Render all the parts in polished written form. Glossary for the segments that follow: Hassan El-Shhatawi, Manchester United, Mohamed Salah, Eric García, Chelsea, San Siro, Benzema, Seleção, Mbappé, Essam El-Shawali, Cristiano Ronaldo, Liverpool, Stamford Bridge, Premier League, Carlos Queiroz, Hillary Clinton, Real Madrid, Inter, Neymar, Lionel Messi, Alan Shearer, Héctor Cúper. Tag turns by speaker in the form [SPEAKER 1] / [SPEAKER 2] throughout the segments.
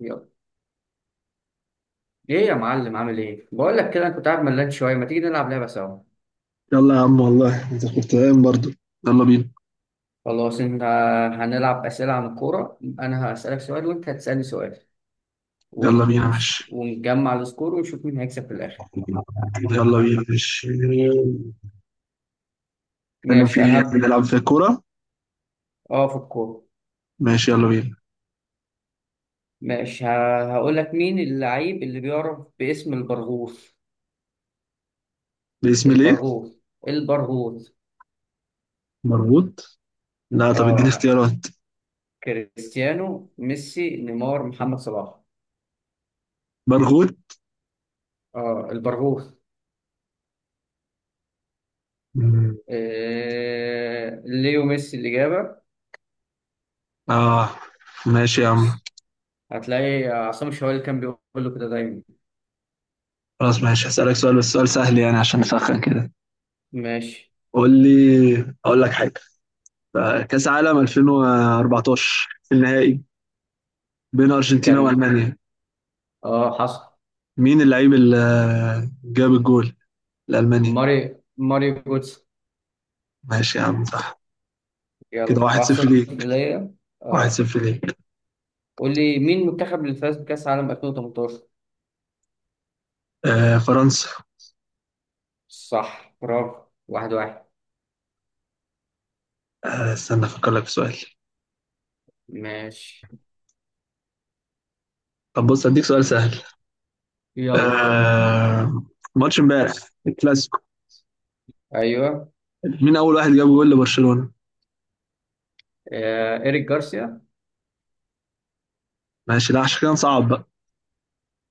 [SPEAKER 1] يلا، ايه يا معلم؟ عامل ايه؟ بقول لك كده، انا كنت قاعد ملان شويه، ما تيجي نلعب لعبه سوا؟
[SPEAKER 2] يلا يا عم، والله انت كنت قايم برضه. يلا بينا.
[SPEAKER 1] خلاص انت، هنلعب اسئله عن الكوره. انا هسالك سؤال وانت هتسالني سؤال
[SPEAKER 2] يلا بينا ماشي.
[SPEAKER 1] ونجمع السكور ونشوف مين هيكسب في الاخر.
[SPEAKER 2] يلا بينا ماشي نتكلم. في
[SPEAKER 1] ماشي، انا
[SPEAKER 2] ايه
[SPEAKER 1] هبدا.
[SPEAKER 2] نلعب؟ في كورة.
[SPEAKER 1] اه في الكوره.
[SPEAKER 2] ماشي يلا بينا.
[SPEAKER 1] ماشي، هقول لك، مين اللعيب اللي بيعرف باسم البرغوث؟
[SPEAKER 2] باسم ليه؟
[SPEAKER 1] البرغوث. البرغوث.
[SPEAKER 2] مربوط. لا، طب اديني
[SPEAKER 1] اه،
[SPEAKER 2] اختيارات.
[SPEAKER 1] كريستيانو، ميسي، نيمار، محمد صلاح.
[SPEAKER 2] برغوت.
[SPEAKER 1] اه، البرغوث.
[SPEAKER 2] مم.
[SPEAKER 1] ليو ميسي الاجابه.
[SPEAKER 2] اه، ماشي يا عم.
[SPEAKER 1] هتلاقي عصام الشوالي كان بيقول له كده دايما.
[SPEAKER 2] خلاص ماشي، هسألك سؤال بس سؤال سهل يعني عشان نسخن كده.
[SPEAKER 1] ماشي.
[SPEAKER 2] قول لي اقول لك حاجة. كأس عالم 2014 النهائي بين أرجنتينا
[SPEAKER 1] كان
[SPEAKER 2] وألمانيا.
[SPEAKER 1] اه حصل.
[SPEAKER 2] مين اللعيب اللي جاب الجول لألمانيا؟
[SPEAKER 1] ماري ماري جوتس.
[SPEAKER 2] ماشي يا عم صح. كده
[SPEAKER 1] يلا،
[SPEAKER 2] 1-0
[SPEAKER 1] 1-0
[SPEAKER 2] ليك.
[SPEAKER 1] ليا.
[SPEAKER 2] واحد
[SPEAKER 1] اه.
[SPEAKER 2] صفر ليك.
[SPEAKER 1] قول لي، مين المنتخب اللي فاز بكأس العالم 2018؟
[SPEAKER 2] آه فرنسا.
[SPEAKER 1] صح، برافو، 1-1.
[SPEAKER 2] استنى افكر لك في سؤال.
[SPEAKER 1] ماشي،
[SPEAKER 2] طب بص، اديك سؤال سهل.
[SPEAKER 1] يلا.
[SPEAKER 2] آه ماتش امبارح الكلاسيكو.
[SPEAKER 1] ايوه.
[SPEAKER 2] مين اول واحد جاب جول لبرشلونة؟
[SPEAKER 1] إيريك جارسيا.
[SPEAKER 2] ماشي، لا عشان كده نصعب بقى.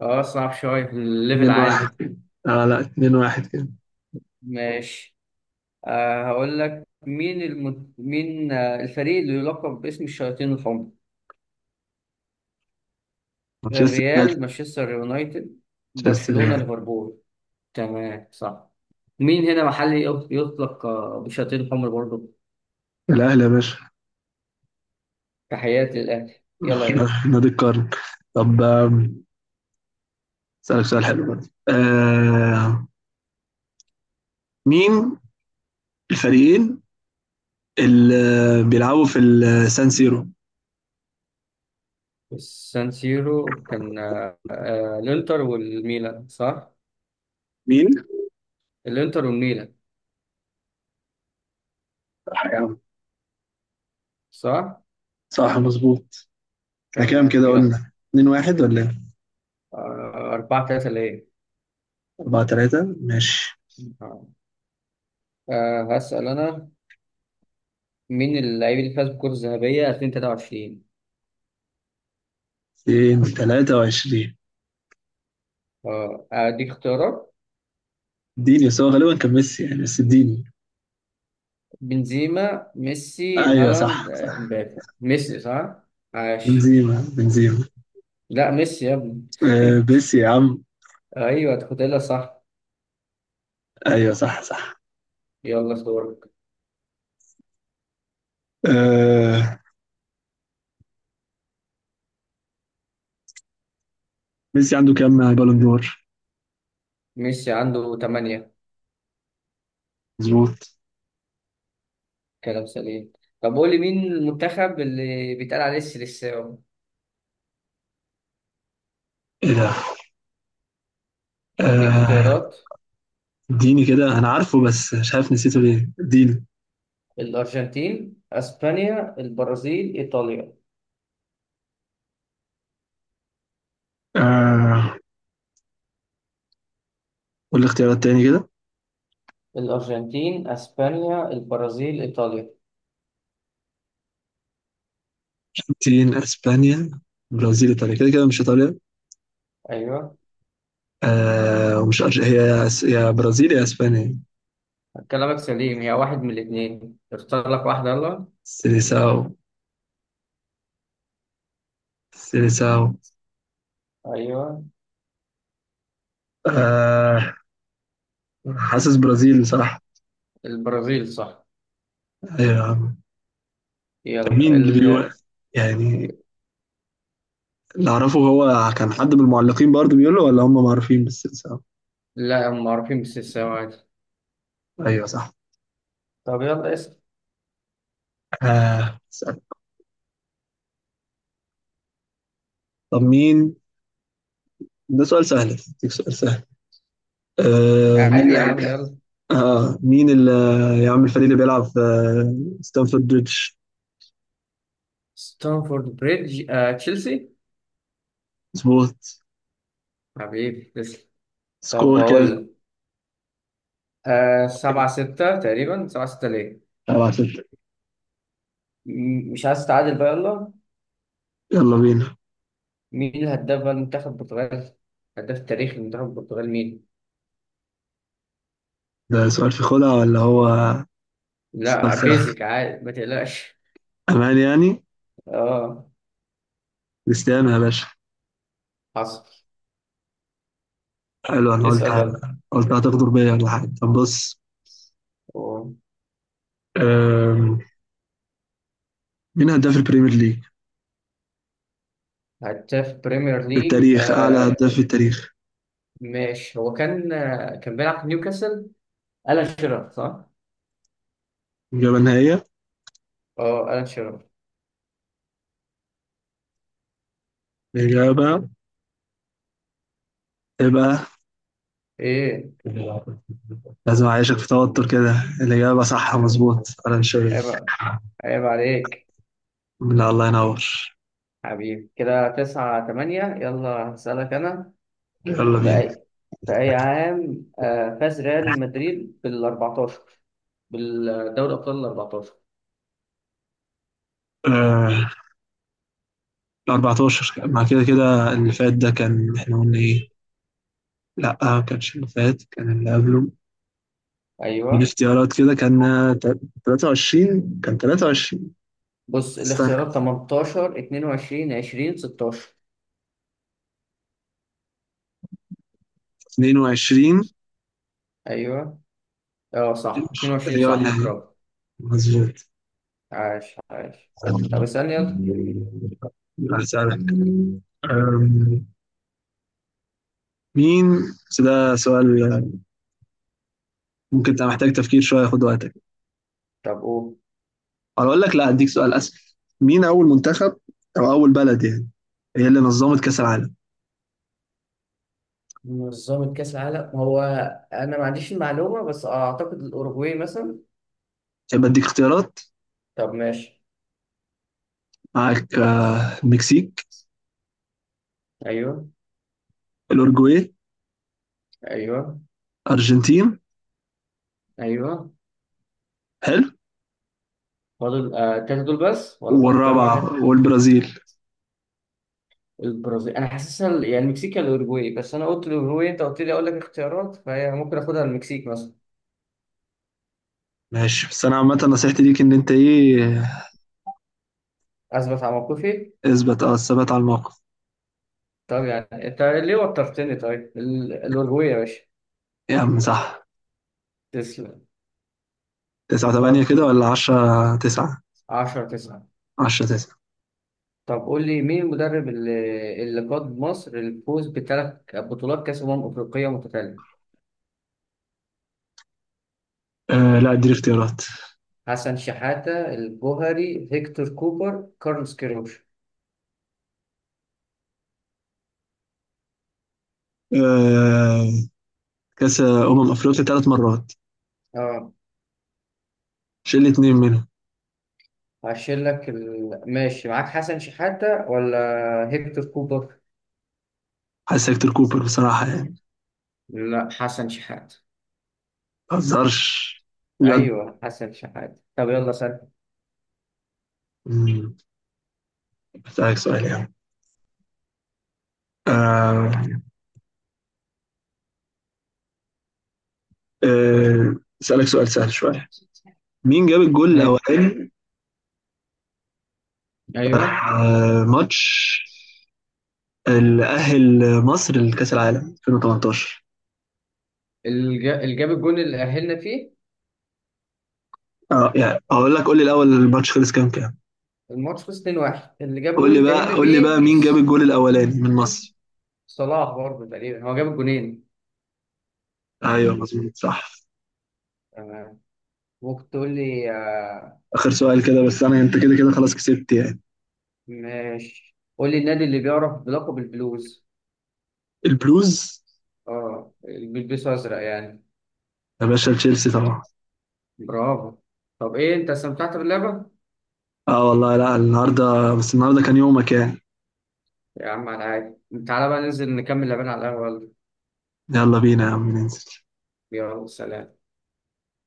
[SPEAKER 1] اه، صعب شوية، الليفل
[SPEAKER 2] 2
[SPEAKER 1] عالي.
[SPEAKER 2] 1 اه لا، 2-1 كده.
[SPEAKER 1] ماشي. هقول لك، مين الفريق اللي يلقب باسم الشياطين الحمر؟
[SPEAKER 2] مانشستر يونايتد.
[SPEAKER 1] الريال، مانشستر يونايتد،
[SPEAKER 2] مانشستر
[SPEAKER 1] برشلونة،
[SPEAKER 2] يونايتد.
[SPEAKER 1] ليفربول. تمام، صح. مين هنا محلي يطلق بشياطين الحمر برضه؟
[SPEAKER 2] الاهلي يا باشا.
[SPEAKER 1] تحياتي للأهلي. يلا يا غالي.
[SPEAKER 2] نادي القرن. طب اسالك سؤال حلو برضه. مين الفريقين اللي بيلعبوا في السان سيرو؟
[SPEAKER 1] السان سيرو، كان الإنتر والميلان، صح؟
[SPEAKER 2] مين؟
[SPEAKER 1] الإنتر والميلان.
[SPEAKER 2] صح يا عم.
[SPEAKER 1] صح.
[SPEAKER 2] صح مظبوط. احنا كام
[SPEAKER 1] تمام،
[SPEAKER 2] كده
[SPEAKER 1] يلا.
[SPEAKER 2] قلنا، 2-1 ولا ايه؟
[SPEAKER 1] 4-3 ليه.
[SPEAKER 2] 4-3 ماشي.
[SPEAKER 1] آه، هسأل أنا. مين اللاعب اللي فاز بالكرة الذهبية 2023؟
[SPEAKER 2] 223.
[SPEAKER 1] أديك اختيارات.
[SPEAKER 2] اديني، بس هو غالبا كان ميسي يعني، بس اديني.
[SPEAKER 1] بنزيما، ميسي،
[SPEAKER 2] ايوه
[SPEAKER 1] هالاند،
[SPEAKER 2] صح، صح.
[SPEAKER 1] امبابي، ميسي، صح؟ عاش.
[SPEAKER 2] بنزيما بنزيما.
[SPEAKER 1] لا، ميسي يا ابني.
[SPEAKER 2] آه ميسي يا عم.
[SPEAKER 1] ايوه، تاخدها صح.
[SPEAKER 2] ايوه صح، صح.
[SPEAKER 1] يلا، دورك.
[SPEAKER 2] آه ميسي عنده كام بالون دور؟
[SPEAKER 1] ميسي عنده 8.
[SPEAKER 2] مظبوط.
[SPEAKER 1] كلام سليم. طب قول لي، مين المنتخب اللي بيتقال عليه السيليساو؟
[SPEAKER 2] ايه ده؟
[SPEAKER 1] اديك
[SPEAKER 2] آه
[SPEAKER 1] اختيارات.
[SPEAKER 2] اديني كده، انا عارفه بس مش عارف، نسيته ليه اديني.
[SPEAKER 1] الارجنتين، اسبانيا، البرازيل، ايطاليا.
[SPEAKER 2] آه قول لي اختيارات تاني كده.
[SPEAKER 1] الارجنتين، اسبانيا، البرازيل، ايطاليا.
[SPEAKER 2] الارجنتين، اسبانيا، برازيل، ايطاليا، كده كده مش ايطاليا.
[SPEAKER 1] ايوه.
[SPEAKER 2] ومش هي يا برازيل يا اسبانيا.
[SPEAKER 1] كلامك سليم، هي واحد من الاثنين، اختار لك واحده. يلا.
[SPEAKER 2] سيليساو. سيليساو.
[SPEAKER 1] ايوه.
[SPEAKER 2] آه حاسس برازيل بصراحة.
[SPEAKER 1] البرازيل، صح.
[SPEAKER 2] أيوة يا عم. كان
[SPEAKER 1] يلا
[SPEAKER 2] مين اللي بيقول يعني؟ اللي أعرفه، هو كان حد من المعلقين برضه بيقول له، ولا هم معروفين بالسيليساو.
[SPEAKER 1] لا، هم معروفين بالسلسلة عادي.
[SPEAKER 2] أيوة صح.
[SPEAKER 1] طب يلا اسأل.
[SPEAKER 2] آه سهل. طب مين؟ ده سؤال سهل، أديك سؤال سهل. آه مين
[SPEAKER 1] عادي
[SPEAKER 2] اللي
[SPEAKER 1] يا عم،
[SPEAKER 2] يعمل
[SPEAKER 1] يلا.
[SPEAKER 2] مين اللي يعمل الفريق اللي بيلعب في ستانفورد بريدج؟
[SPEAKER 1] ستانفورد بريدج، تشيلسي.
[SPEAKER 2] مظبوط.
[SPEAKER 1] حبيبي، تسلم. طب
[SPEAKER 2] سكور كام؟
[SPEAKER 1] بقول لك، 7-6 تقريبا، 7-6 ليه.
[SPEAKER 2] 7-6.
[SPEAKER 1] مش عايز تتعادل بقى. يلا.
[SPEAKER 2] يلا بينا.
[SPEAKER 1] مين الهداف بقى المنتخب البرتغال؟ هداف تاريخ المنتخب البرتغال مين؟
[SPEAKER 2] ده سؤال في خدعة ولا هو سؤال
[SPEAKER 1] لا،
[SPEAKER 2] سهل،
[SPEAKER 1] بيزك عادي، ما تقلقش.
[SPEAKER 2] أمان يعني؟
[SPEAKER 1] اه،
[SPEAKER 2] كريستيانو يا باشا.
[SPEAKER 1] حصل.
[SPEAKER 2] حلو، انا قلت
[SPEAKER 1] اسأل يلا.
[SPEAKER 2] قلت هتغدر بيا ولا حاجه. طب بص،
[SPEAKER 1] أوه.
[SPEAKER 2] أم، مين هداف البريمير ليج
[SPEAKER 1] هداف بريمير
[SPEAKER 2] في
[SPEAKER 1] ليج
[SPEAKER 2] التاريخ؟ اعلى هداف في التاريخ.
[SPEAKER 1] ماشي. هو كان بيلعب في نيوكاسل. ألان شيرر، صح؟
[SPEAKER 2] اجابه نهائيه؟
[SPEAKER 1] اه، ألان شيرر.
[SPEAKER 2] الاجابه تبقى.
[SPEAKER 1] ايه؟
[SPEAKER 2] لازم اعيشك في توتر كده. الاجابه صح مظبوط، انا
[SPEAKER 1] عيب
[SPEAKER 2] شايف.
[SPEAKER 1] عيب عليك.
[SPEAKER 2] لا، الله ينور.
[SPEAKER 1] حبيبي، كده 9-8. يلا هسألك أنا.
[SPEAKER 2] يلا
[SPEAKER 1] في
[SPEAKER 2] بينا.
[SPEAKER 1] أي في أي عام فاز ريال مدريد بال14، بالدوري أبطال ال14؟
[SPEAKER 2] آه، 14. مع كده كده اللي فات ده كان، احنا قلنا ايه؟ لا، ما كانش اللي فات، كان اللي قبله. من
[SPEAKER 1] أيوه.
[SPEAKER 2] اختيارات كده كان تا- 23. كان 23.
[SPEAKER 1] بص
[SPEAKER 2] استنى.
[SPEAKER 1] الاختيارات، 18، 22، 20، 16.
[SPEAKER 2] 22.
[SPEAKER 1] أيوه. اه، صح، 22،
[SPEAKER 2] الرياض
[SPEAKER 1] صح،
[SPEAKER 2] الأهلي
[SPEAKER 1] برافو،
[SPEAKER 2] مظبوط.
[SPEAKER 1] عاش عاش. طب اسألني يلا.
[SPEAKER 2] هسألك. أم، مين؟ بس ده سؤال ممكن تبقى محتاج تفكير شوية، خد وقتك.
[SPEAKER 1] طب قول.
[SPEAKER 2] أو أقول لك لا، أديك سؤال أسهل. مين أول منتخب، أو أول بلد يعني، هي اللي نظمت كأس العالم؟
[SPEAKER 1] منظمة كأس العالم، هو أنا ما عنديش المعلومة، بس أعتقد الأوروجواي مثلا.
[SPEAKER 2] يبقى أديك اختيارات
[SPEAKER 1] طب ماشي.
[SPEAKER 2] معاك. المكسيك،
[SPEAKER 1] أيوه.
[SPEAKER 2] الأورجواي،
[SPEAKER 1] أيوه.
[SPEAKER 2] أرجنتين.
[SPEAKER 1] أيوه.
[SPEAKER 2] حلو.
[SPEAKER 1] فاضل التلاتة دول بس ولا فاضل كمان واحد؟
[SPEAKER 2] والرابعة والبرازيل.
[SPEAKER 1] البرازيل أنا حاسسها يعني المكسيك يا الأوروجواي، بس أنا قلت الأوروجواي، أنت قلت لي أقول لك اختيارات، فهي ممكن آخدها المكسيك مثلا.
[SPEAKER 2] ماشي، بس أنا عامة نصيحتي ليك إن أنت إيه،
[SPEAKER 1] أثبت على موقفي.
[SPEAKER 2] اثبت، الثبات على الموقف.
[SPEAKER 1] طب يعني أنت ليه وترتني؟ طيب، الأوروجواي يا باشا.
[SPEAKER 2] يا عم صح.
[SPEAKER 1] تسلم.
[SPEAKER 2] 9-8
[SPEAKER 1] طب،
[SPEAKER 2] كده ولا 10-9؟
[SPEAKER 1] 10 9.
[SPEAKER 2] 10-9.
[SPEAKER 1] طب قول لي، مين المدرب اللي قاد مصر للفوز بثلاث بطولات كأس أمم أفريقية متتالية؟
[SPEAKER 2] آه لا، اديني اختيارات.
[SPEAKER 1] حسن شحاتة، الجوهري، هيكتور كوبر، كارلوس كيروش.
[SPEAKER 2] آه كاس أمم أفريقيا ثلاث مرات.
[SPEAKER 1] اه،
[SPEAKER 2] شيل لي اتنين منهم.
[SPEAKER 1] هشيل لك ماشي. معاك حسن شحاتة ولا هيكتور كوبر؟
[SPEAKER 2] حاسس هيكتور كوبر بصراحة يعني.
[SPEAKER 1] لا، حسن شحاتة.
[SPEAKER 2] ما بهزرش، بجد.
[SPEAKER 1] أيوه حسن شحاتة. طب يلا سأل.
[SPEAKER 2] مم. أسألك سؤال يعني. آه آه أسألك سؤال سهل شوية. مين جاب الجول
[SPEAKER 1] آه،
[SPEAKER 2] الأولاني
[SPEAKER 1] ايوه.
[SPEAKER 2] ماتش اللي أهل مصر لكأس العالم 2018؟
[SPEAKER 1] اللي جاب الجون اللي أهلنا فيه.
[SPEAKER 2] اه يعني، هقول لك. قول لي الأول، الماتش خلص كام كام؟
[SPEAKER 1] الماتش خلص 2-1. اللي جاب
[SPEAKER 2] قول
[SPEAKER 1] الجون
[SPEAKER 2] لي
[SPEAKER 1] اللي
[SPEAKER 2] بقى
[SPEAKER 1] تأهلنا
[SPEAKER 2] قول لي بقى
[SPEAKER 1] بيه.
[SPEAKER 2] مين جاب الجول الأولاني من مصر؟
[SPEAKER 1] صلاح برضه تقريبا، هو جاب الجونين.
[SPEAKER 2] ايوه مظبوط صح.
[SPEAKER 1] ممكن تقول لي
[SPEAKER 2] اخر سؤال كده بس، انا انت كده كده خلاص كسبت يعني.
[SPEAKER 1] ماشي. قول لي، النادي اللي بيعرف بلقب البلوز.
[SPEAKER 2] البلوز
[SPEAKER 1] اه، اللي بيلبسوا ازرق يعني.
[SPEAKER 2] يا باشا تشيلسي طبعا.
[SPEAKER 1] برافو. طب ايه، انت استمتعت باللعبه؟
[SPEAKER 2] اه والله، لا النهارده. بس النهارده كان يومك يعني.
[SPEAKER 1] يا عم، على عادي. تعالى بقى ننزل نكمل لعبنا على القهوه.
[SPEAKER 2] يلا بينا يا عم ننزل.
[SPEAKER 1] يلا سلام.